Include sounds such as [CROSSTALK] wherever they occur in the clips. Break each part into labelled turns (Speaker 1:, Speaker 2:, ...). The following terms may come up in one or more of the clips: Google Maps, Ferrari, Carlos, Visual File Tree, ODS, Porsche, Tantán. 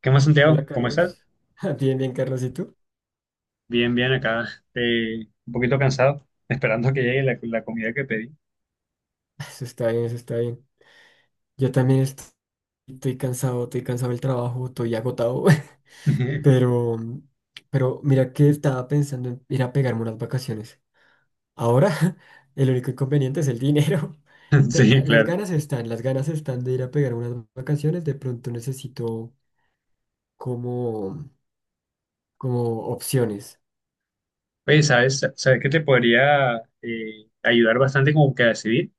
Speaker 1: ¿Qué más,
Speaker 2: Hola
Speaker 1: Santiago? ¿Cómo estás?
Speaker 2: Carlos. [LAUGHS] Bien, bien Carlos, ¿y tú?
Speaker 1: Bien, bien, acá. Un poquito cansado, [LAUGHS] esperando que llegue la comida que pedí.
Speaker 2: Eso está bien, eso está bien. Yo también estoy cansado del trabajo, estoy agotado. [LAUGHS]
Speaker 1: [LAUGHS]
Speaker 2: pero, pero mira que estaba pensando en ir a pegarme unas vacaciones. Ahora, [LAUGHS] el único inconveniente es el dinero. [LAUGHS]
Speaker 1: Sí, claro.
Speaker 2: Las ganas están de ir a pegar unas vacaciones, de pronto necesito como, como opciones.
Speaker 1: Oye, ¿sabes que te podría ayudar bastante como que a decidir?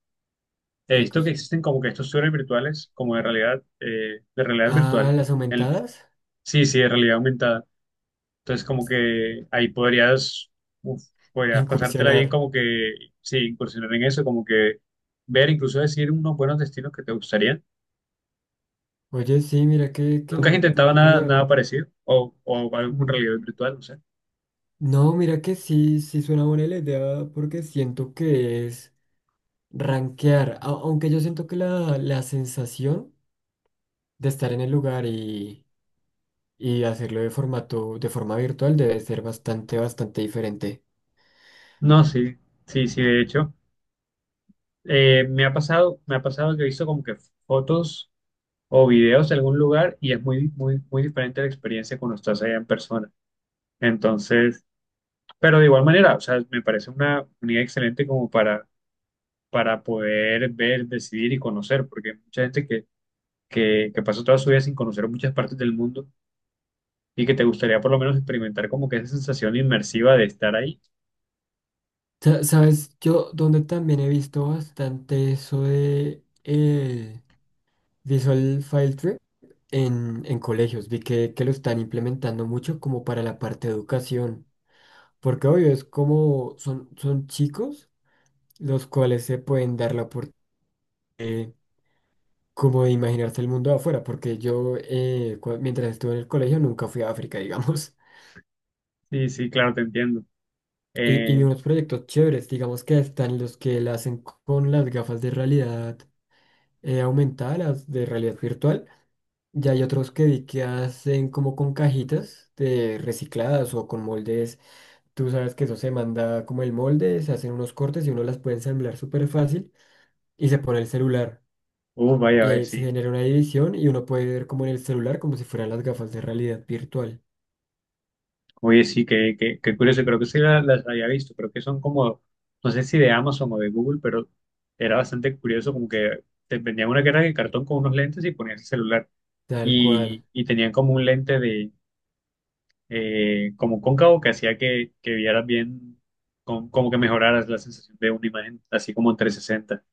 Speaker 1: He
Speaker 2: ¿Qué
Speaker 1: visto que
Speaker 2: cosa?
Speaker 1: existen como que estos tours virtuales, como de realidad
Speaker 2: Ah,
Speaker 1: virtual.
Speaker 2: las
Speaker 1: El,
Speaker 2: aumentadas,
Speaker 1: sí, sí, de realidad aumentada. Entonces, como que ahí podrías, uf, podrías pasártela bien
Speaker 2: incursionar.
Speaker 1: como que, sí, incursionar en eso, como que ver, incluso decir unos buenos destinos que te gustarían.
Speaker 2: Oye, sí, mira que
Speaker 1: ¿Nunca has intentado
Speaker 2: nunca lo
Speaker 1: nada parecido? O
Speaker 2: he...
Speaker 1: algún realidad virtual, no sé.
Speaker 2: No, mira que sí, sí suena buena la idea porque siento que es rankear, aunque yo siento que la sensación de estar en el lugar y hacerlo de formato, de forma virtual debe ser bastante, bastante diferente.
Speaker 1: No, sí, sí, sí, de hecho. Me ha pasado que he visto como que fotos o videos de algún lugar y es muy diferente la experiencia cuando estás allá en persona. Entonces, pero de igual manera, o sea, me parece una unidad excelente como para poder ver, decidir y conocer, porque hay mucha gente que pasa toda su vida sin conocer muchas partes del mundo y que te gustaría por lo menos experimentar como que esa sensación inmersiva de estar ahí.
Speaker 2: Sabes, yo donde también he visto bastante eso de el Visual File Tree en colegios, vi que lo están implementando mucho como para la parte de educación, porque obvio es como son chicos los cuales se pueden dar la oportunidad como de imaginarse el mundo de afuera, porque yo mientras estuve en el colegio nunca fui a África, digamos.
Speaker 1: Sí, sí, claro, te entiendo.
Speaker 2: [LAUGHS] Y, y vi
Speaker 1: Eh,
Speaker 2: unos proyectos chéveres, digamos que están los que la hacen con las gafas de realidad aumentada, las de realidad virtual, y hay otros que vi que hacen como con cajitas de recicladas o con moldes. Tú sabes que eso se manda como el molde, se hacen unos cortes y uno las puede ensamblar súper fácil y se pone el celular.
Speaker 1: Vaya,
Speaker 2: Y
Speaker 1: vaya,
Speaker 2: ahí se
Speaker 1: sí.
Speaker 2: genera una división y uno puede ver como en el celular, como si fueran las gafas de realidad virtual.
Speaker 1: Oye, sí, qué curioso. Creo que sí las, había visto. Creo que son como, no sé si de Amazon o de Google, pero era bastante curioso como que te vendían una caja de cartón con unos lentes y ponías el celular.
Speaker 2: Tal cual.
Speaker 1: Y tenían como un lente de, como cóncavo que hacía que vieras bien, como que mejoraras la sensación de una imagen, así como en 360.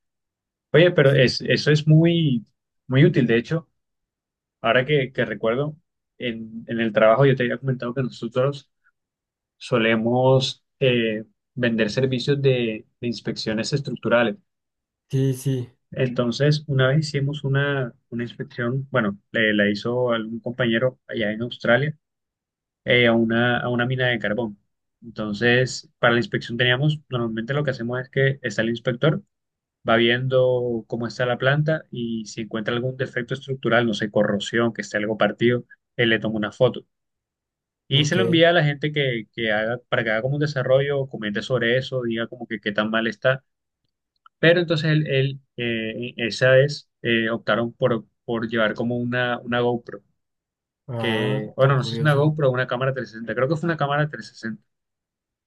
Speaker 1: Oye, pero es, eso es muy, muy útil. De hecho. Ahora que recuerdo, en el trabajo yo te había comentado que nosotros solemos vender servicios de inspecciones estructurales.
Speaker 2: Sí, sí,
Speaker 1: Entonces, una vez hicimos una inspección, bueno, la hizo algún compañero allá en Australia, a una mina de carbón. Entonces, para la inspección teníamos, normalmente lo que hacemos es que está el inspector, va viendo cómo está la planta y si encuentra algún defecto estructural, no sé, corrosión, que esté algo partido, él le toma una foto. Y se
Speaker 2: ok.
Speaker 1: lo envía a la gente que haga, para que haga como un desarrollo, comente sobre eso, diga como que qué tan mal está. Pero entonces esa vez optaron por llevar como una GoPro,
Speaker 2: Ah,
Speaker 1: que, bueno,
Speaker 2: tan
Speaker 1: no sé si es una
Speaker 2: curioso.
Speaker 1: GoPro o una cámara 360, creo que fue una cámara 360.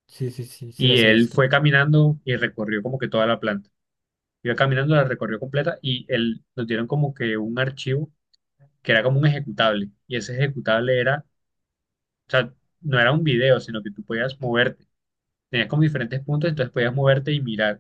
Speaker 2: Sí, sí, sí, sí
Speaker 1: Y
Speaker 2: las he
Speaker 1: él fue
Speaker 2: visto.
Speaker 1: caminando y recorrió como que toda la planta. Iba caminando, la recorrió completa y él, nos dieron como que un archivo que era como un ejecutable. Y ese ejecutable era, o sea, no era un video, sino que tú podías mover. Tenías como diferentes puntos, entonces podías moverte y mirar.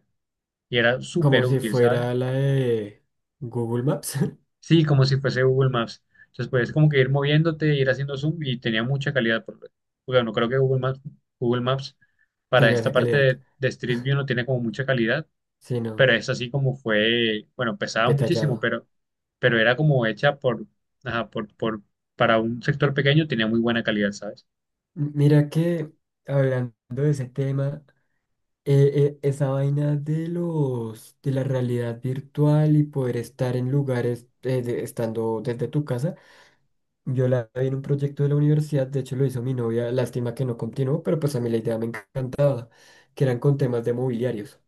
Speaker 1: Y era
Speaker 2: Como
Speaker 1: súper
Speaker 2: si
Speaker 1: útil, ¿sabes?
Speaker 2: fuera la de Google Maps,
Speaker 1: Sí, como si fuese Google Maps. Entonces podías como que ir moviéndote, ir haciendo zoom y tenía mucha calidad. Por... porque no creo que Google Maps,
Speaker 2: [LAUGHS]
Speaker 1: para
Speaker 2: tenga
Speaker 1: esta
Speaker 2: esa
Speaker 1: parte
Speaker 2: calidad,
Speaker 1: de Street View no tiene como mucha calidad,
Speaker 2: sí no
Speaker 1: pero es así como fue, bueno, pesaba muchísimo,
Speaker 2: detallado.
Speaker 1: pero era como hecha por, para un sector pequeño tenía muy buena calidad, ¿sabes?
Speaker 2: Mira que hablando de ese tema, esa vaina de los de la realidad virtual y poder estar en lugares estando desde tu casa. Yo la vi en un proyecto de la universidad, de hecho lo hizo mi novia, lástima que no continuó, pero pues a mí la idea me encanta, que eran con temas de mobiliarios.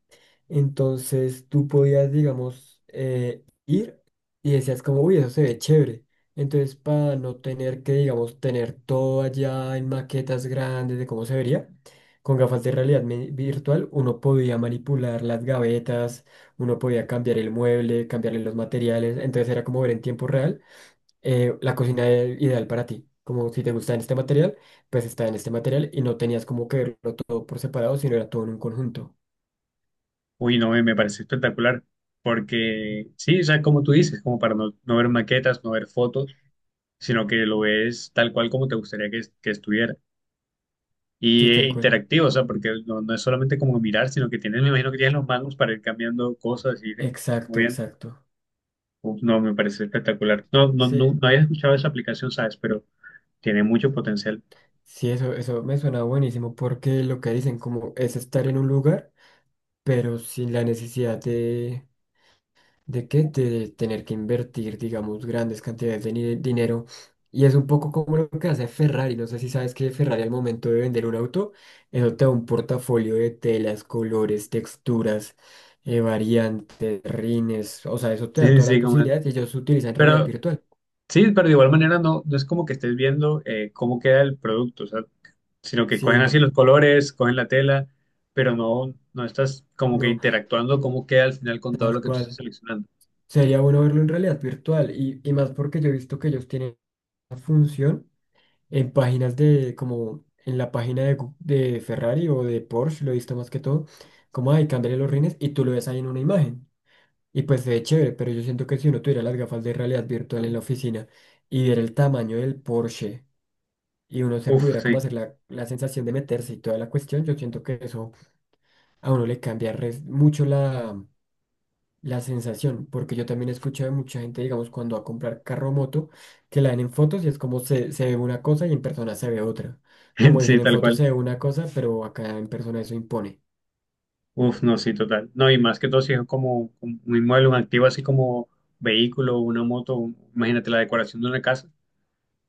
Speaker 2: Entonces tú podías, digamos, ir y decías como, uy, eso se ve chévere. Entonces para no tener que, digamos, tener todo allá en maquetas grandes de cómo se vería, con gafas de realidad virtual uno podía manipular las gavetas, uno podía cambiar el mueble, cambiarle los materiales, entonces era como ver en tiempo real la cocina ideal para ti. Como si te gusta en este material, pues está en este material y no tenías como que verlo todo por separado, sino era todo en un conjunto.
Speaker 1: Uy, no, me me pareció espectacular, porque sí, o sea, como tú dices, como para no ver maquetas, no ver fotos, sino que lo ves tal cual como te gustaría que estuviera. Y
Speaker 2: Sí, tal cual.
Speaker 1: interactivo, o sea, porque no es solamente como mirar, sino que tienes, me imagino que tienes los manos para ir cambiando cosas y ir
Speaker 2: Exacto,
Speaker 1: muy bien.
Speaker 2: exacto.
Speaker 1: Uf, no, me parece espectacular. No, no, no,
Speaker 2: Sí,
Speaker 1: no había escuchado esa aplicación, ¿sabes? Pero tiene mucho potencial.
Speaker 2: sí, eso me suena buenísimo porque lo que dicen como es estar en un lugar, pero sin la necesidad de qué, de tener que invertir, digamos, grandes cantidades de dinero. Y es un poco como lo que hace Ferrari. No sé si sabes que Ferrari al momento de vender un auto, eso te da un portafolio de telas, colores, texturas, variantes, rines. O sea, eso te
Speaker 1: Sí,
Speaker 2: da
Speaker 1: sí,
Speaker 2: todas las
Speaker 1: sí,
Speaker 2: posibilidades y ellos utilizan realidad
Speaker 1: pero
Speaker 2: virtual.
Speaker 1: sí, pero de igual manera no es como que estés viendo cómo queda el producto, o sea, sino que
Speaker 2: Sí,
Speaker 1: cogen así
Speaker 2: no,
Speaker 1: los colores, cogen la tela, pero no estás como que
Speaker 2: no,
Speaker 1: interactuando cómo queda al final con todo lo
Speaker 2: tal
Speaker 1: que tú estás
Speaker 2: cual.
Speaker 1: seleccionando.
Speaker 2: Sería bueno verlo en realidad virtual y más porque yo he visto que ellos tienen una función en páginas de, como en la página de, de Ferrari o de Porsche, lo he visto más que todo, como, ay, cámbiale los rines y tú lo ves ahí en una imagen. Y pues se ve chévere, pero yo siento que si uno tuviera las gafas de realidad virtual en la oficina y viera el tamaño del Porsche y uno se
Speaker 1: Uf,
Speaker 2: pudiera
Speaker 1: sí.
Speaker 2: como hacer la sensación de meterse y toda la cuestión, yo siento que eso a uno le cambia mucho la sensación, porque yo también he escuchado de mucha gente, digamos, cuando va a comprar carro o moto, que la ven en fotos y es como se ve una cosa y en persona se ve otra.
Speaker 1: [LAUGHS]
Speaker 2: Como
Speaker 1: Sí,
Speaker 2: dicen, en
Speaker 1: tal
Speaker 2: fotos se
Speaker 1: cual.
Speaker 2: ve una cosa, pero acá en persona eso impone,
Speaker 1: Uf, no, sí, total. No, y más que todo si es como un inmueble, un activo así como vehículo, una moto, imagínate la decoración de una casa,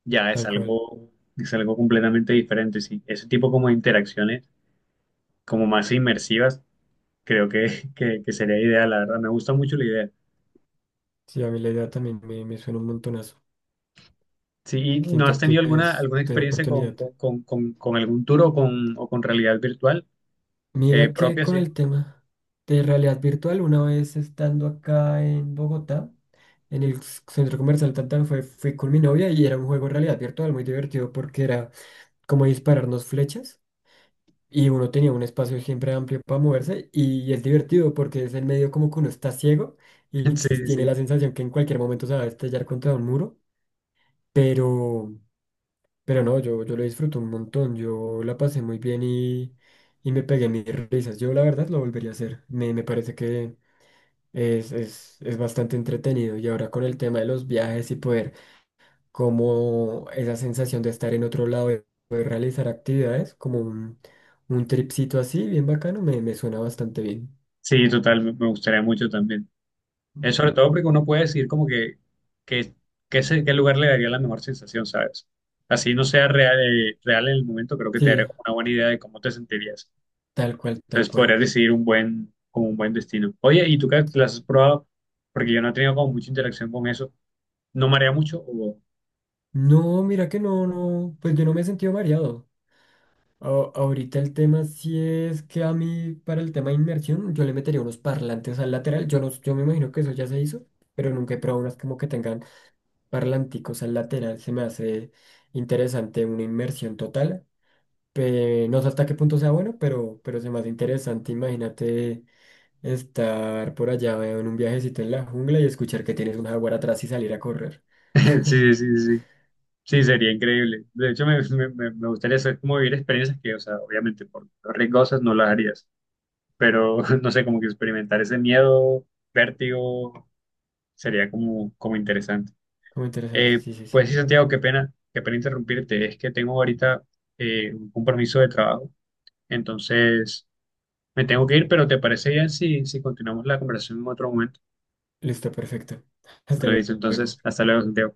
Speaker 1: ya
Speaker 2: tal cual.
Speaker 1: es algo completamente diferente, sí. Ese tipo como de interacciones, como más inmersivas, creo que, [LAUGHS] que sería ideal, la verdad. Me gusta mucho la idea.
Speaker 2: Sí, a mí la idea también me suena un montonazo.
Speaker 1: Sí, ¿y no
Speaker 2: Siento
Speaker 1: has tenido
Speaker 2: que es
Speaker 1: alguna
Speaker 2: de la
Speaker 1: experiencia
Speaker 2: oportunidad.
Speaker 1: con algún tour o con realidad virtual
Speaker 2: Mira que
Speaker 1: propia?
Speaker 2: con
Speaker 1: Sí,
Speaker 2: el tema de realidad virtual, una vez estando acá en Bogotá, en el centro comercial Tantán, fui con mi novia y era un juego de realidad virtual muy divertido porque era como dispararnos flechas y uno tenía un espacio siempre amplio para moverse y es divertido porque es el medio como que uno está ciego
Speaker 1: [LAUGHS]
Speaker 2: y
Speaker 1: sí,
Speaker 2: tiene
Speaker 1: sí.
Speaker 2: la sensación que en cualquier momento se va a estrellar contra un muro, pero, pero no, yo lo disfruto un montón, yo la pasé muy bien y me pegué mis risas, yo la verdad lo volvería a hacer, me parece que es bastante entretenido y ahora con el tema de los viajes y poder como esa sensación de estar en otro lado y poder realizar actividades, un tripcito así, bien bacano, me suena bastante bien.
Speaker 1: Sí, total, me me gustaría mucho también. Es sobre todo porque uno puede decir como que, que qué lugar le daría la mejor sensación, ¿sabes? Así no sea real, real en el momento, creo que te
Speaker 2: Sí,
Speaker 1: daría como una buena idea de cómo te sentirías.
Speaker 2: tal cual, tal
Speaker 1: Entonces podrías
Speaker 2: cual.
Speaker 1: decidir un buen, como un buen destino. Oye, ¿y tú qué las has probado? Porque yo no he tenido como mucha interacción con eso. ¿No marea mucho? O-
Speaker 2: No, mira que no, no, pues yo no me he sentido mareado. Ahorita el tema sí es que a mí, para el tema de inmersión, yo le metería unos parlantes al lateral. Yo no, yo me imagino que eso ya se hizo, pero nunca he probado unas como que tengan parlanticos al lateral. Se me hace interesante una inmersión total. No sé hasta qué punto sea bueno, pero se me hace interesante. Imagínate estar por allá en un viajecito en la jungla y escuchar que tienes un jaguar atrás y salir a correr.
Speaker 1: [LAUGHS] Sí,
Speaker 2: [LAUGHS]
Speaker 1: sí, sí, sí. Sí, sería increíble. De hecho, me gustaría hacer como vivir experiencias que, o sea, obviamente por riesgosas no las harías, pero [LAUGHS] no sé, como que experimentar ese miedo, vértigo. Sería como, como interesante.
Speaker 2: Como interesante. Sí, sí, sí.
Speaker 1: Pues sí, Santiago, qué pena interrumpirte. Es que tengo ahorita un compromiso de trabajo, entonces me tengo que ir, pero ¿te parece bien si, si continuamos la conversación en otro momento?
Speaker 2: Listo, perfecto. [LAUGHS]
Speaker 1: Me
Speaker 2: Hasta
Speaker 1: lo dice entonces,
Speaker 2: luego.
Speaker 1: hasta luego, Santiago.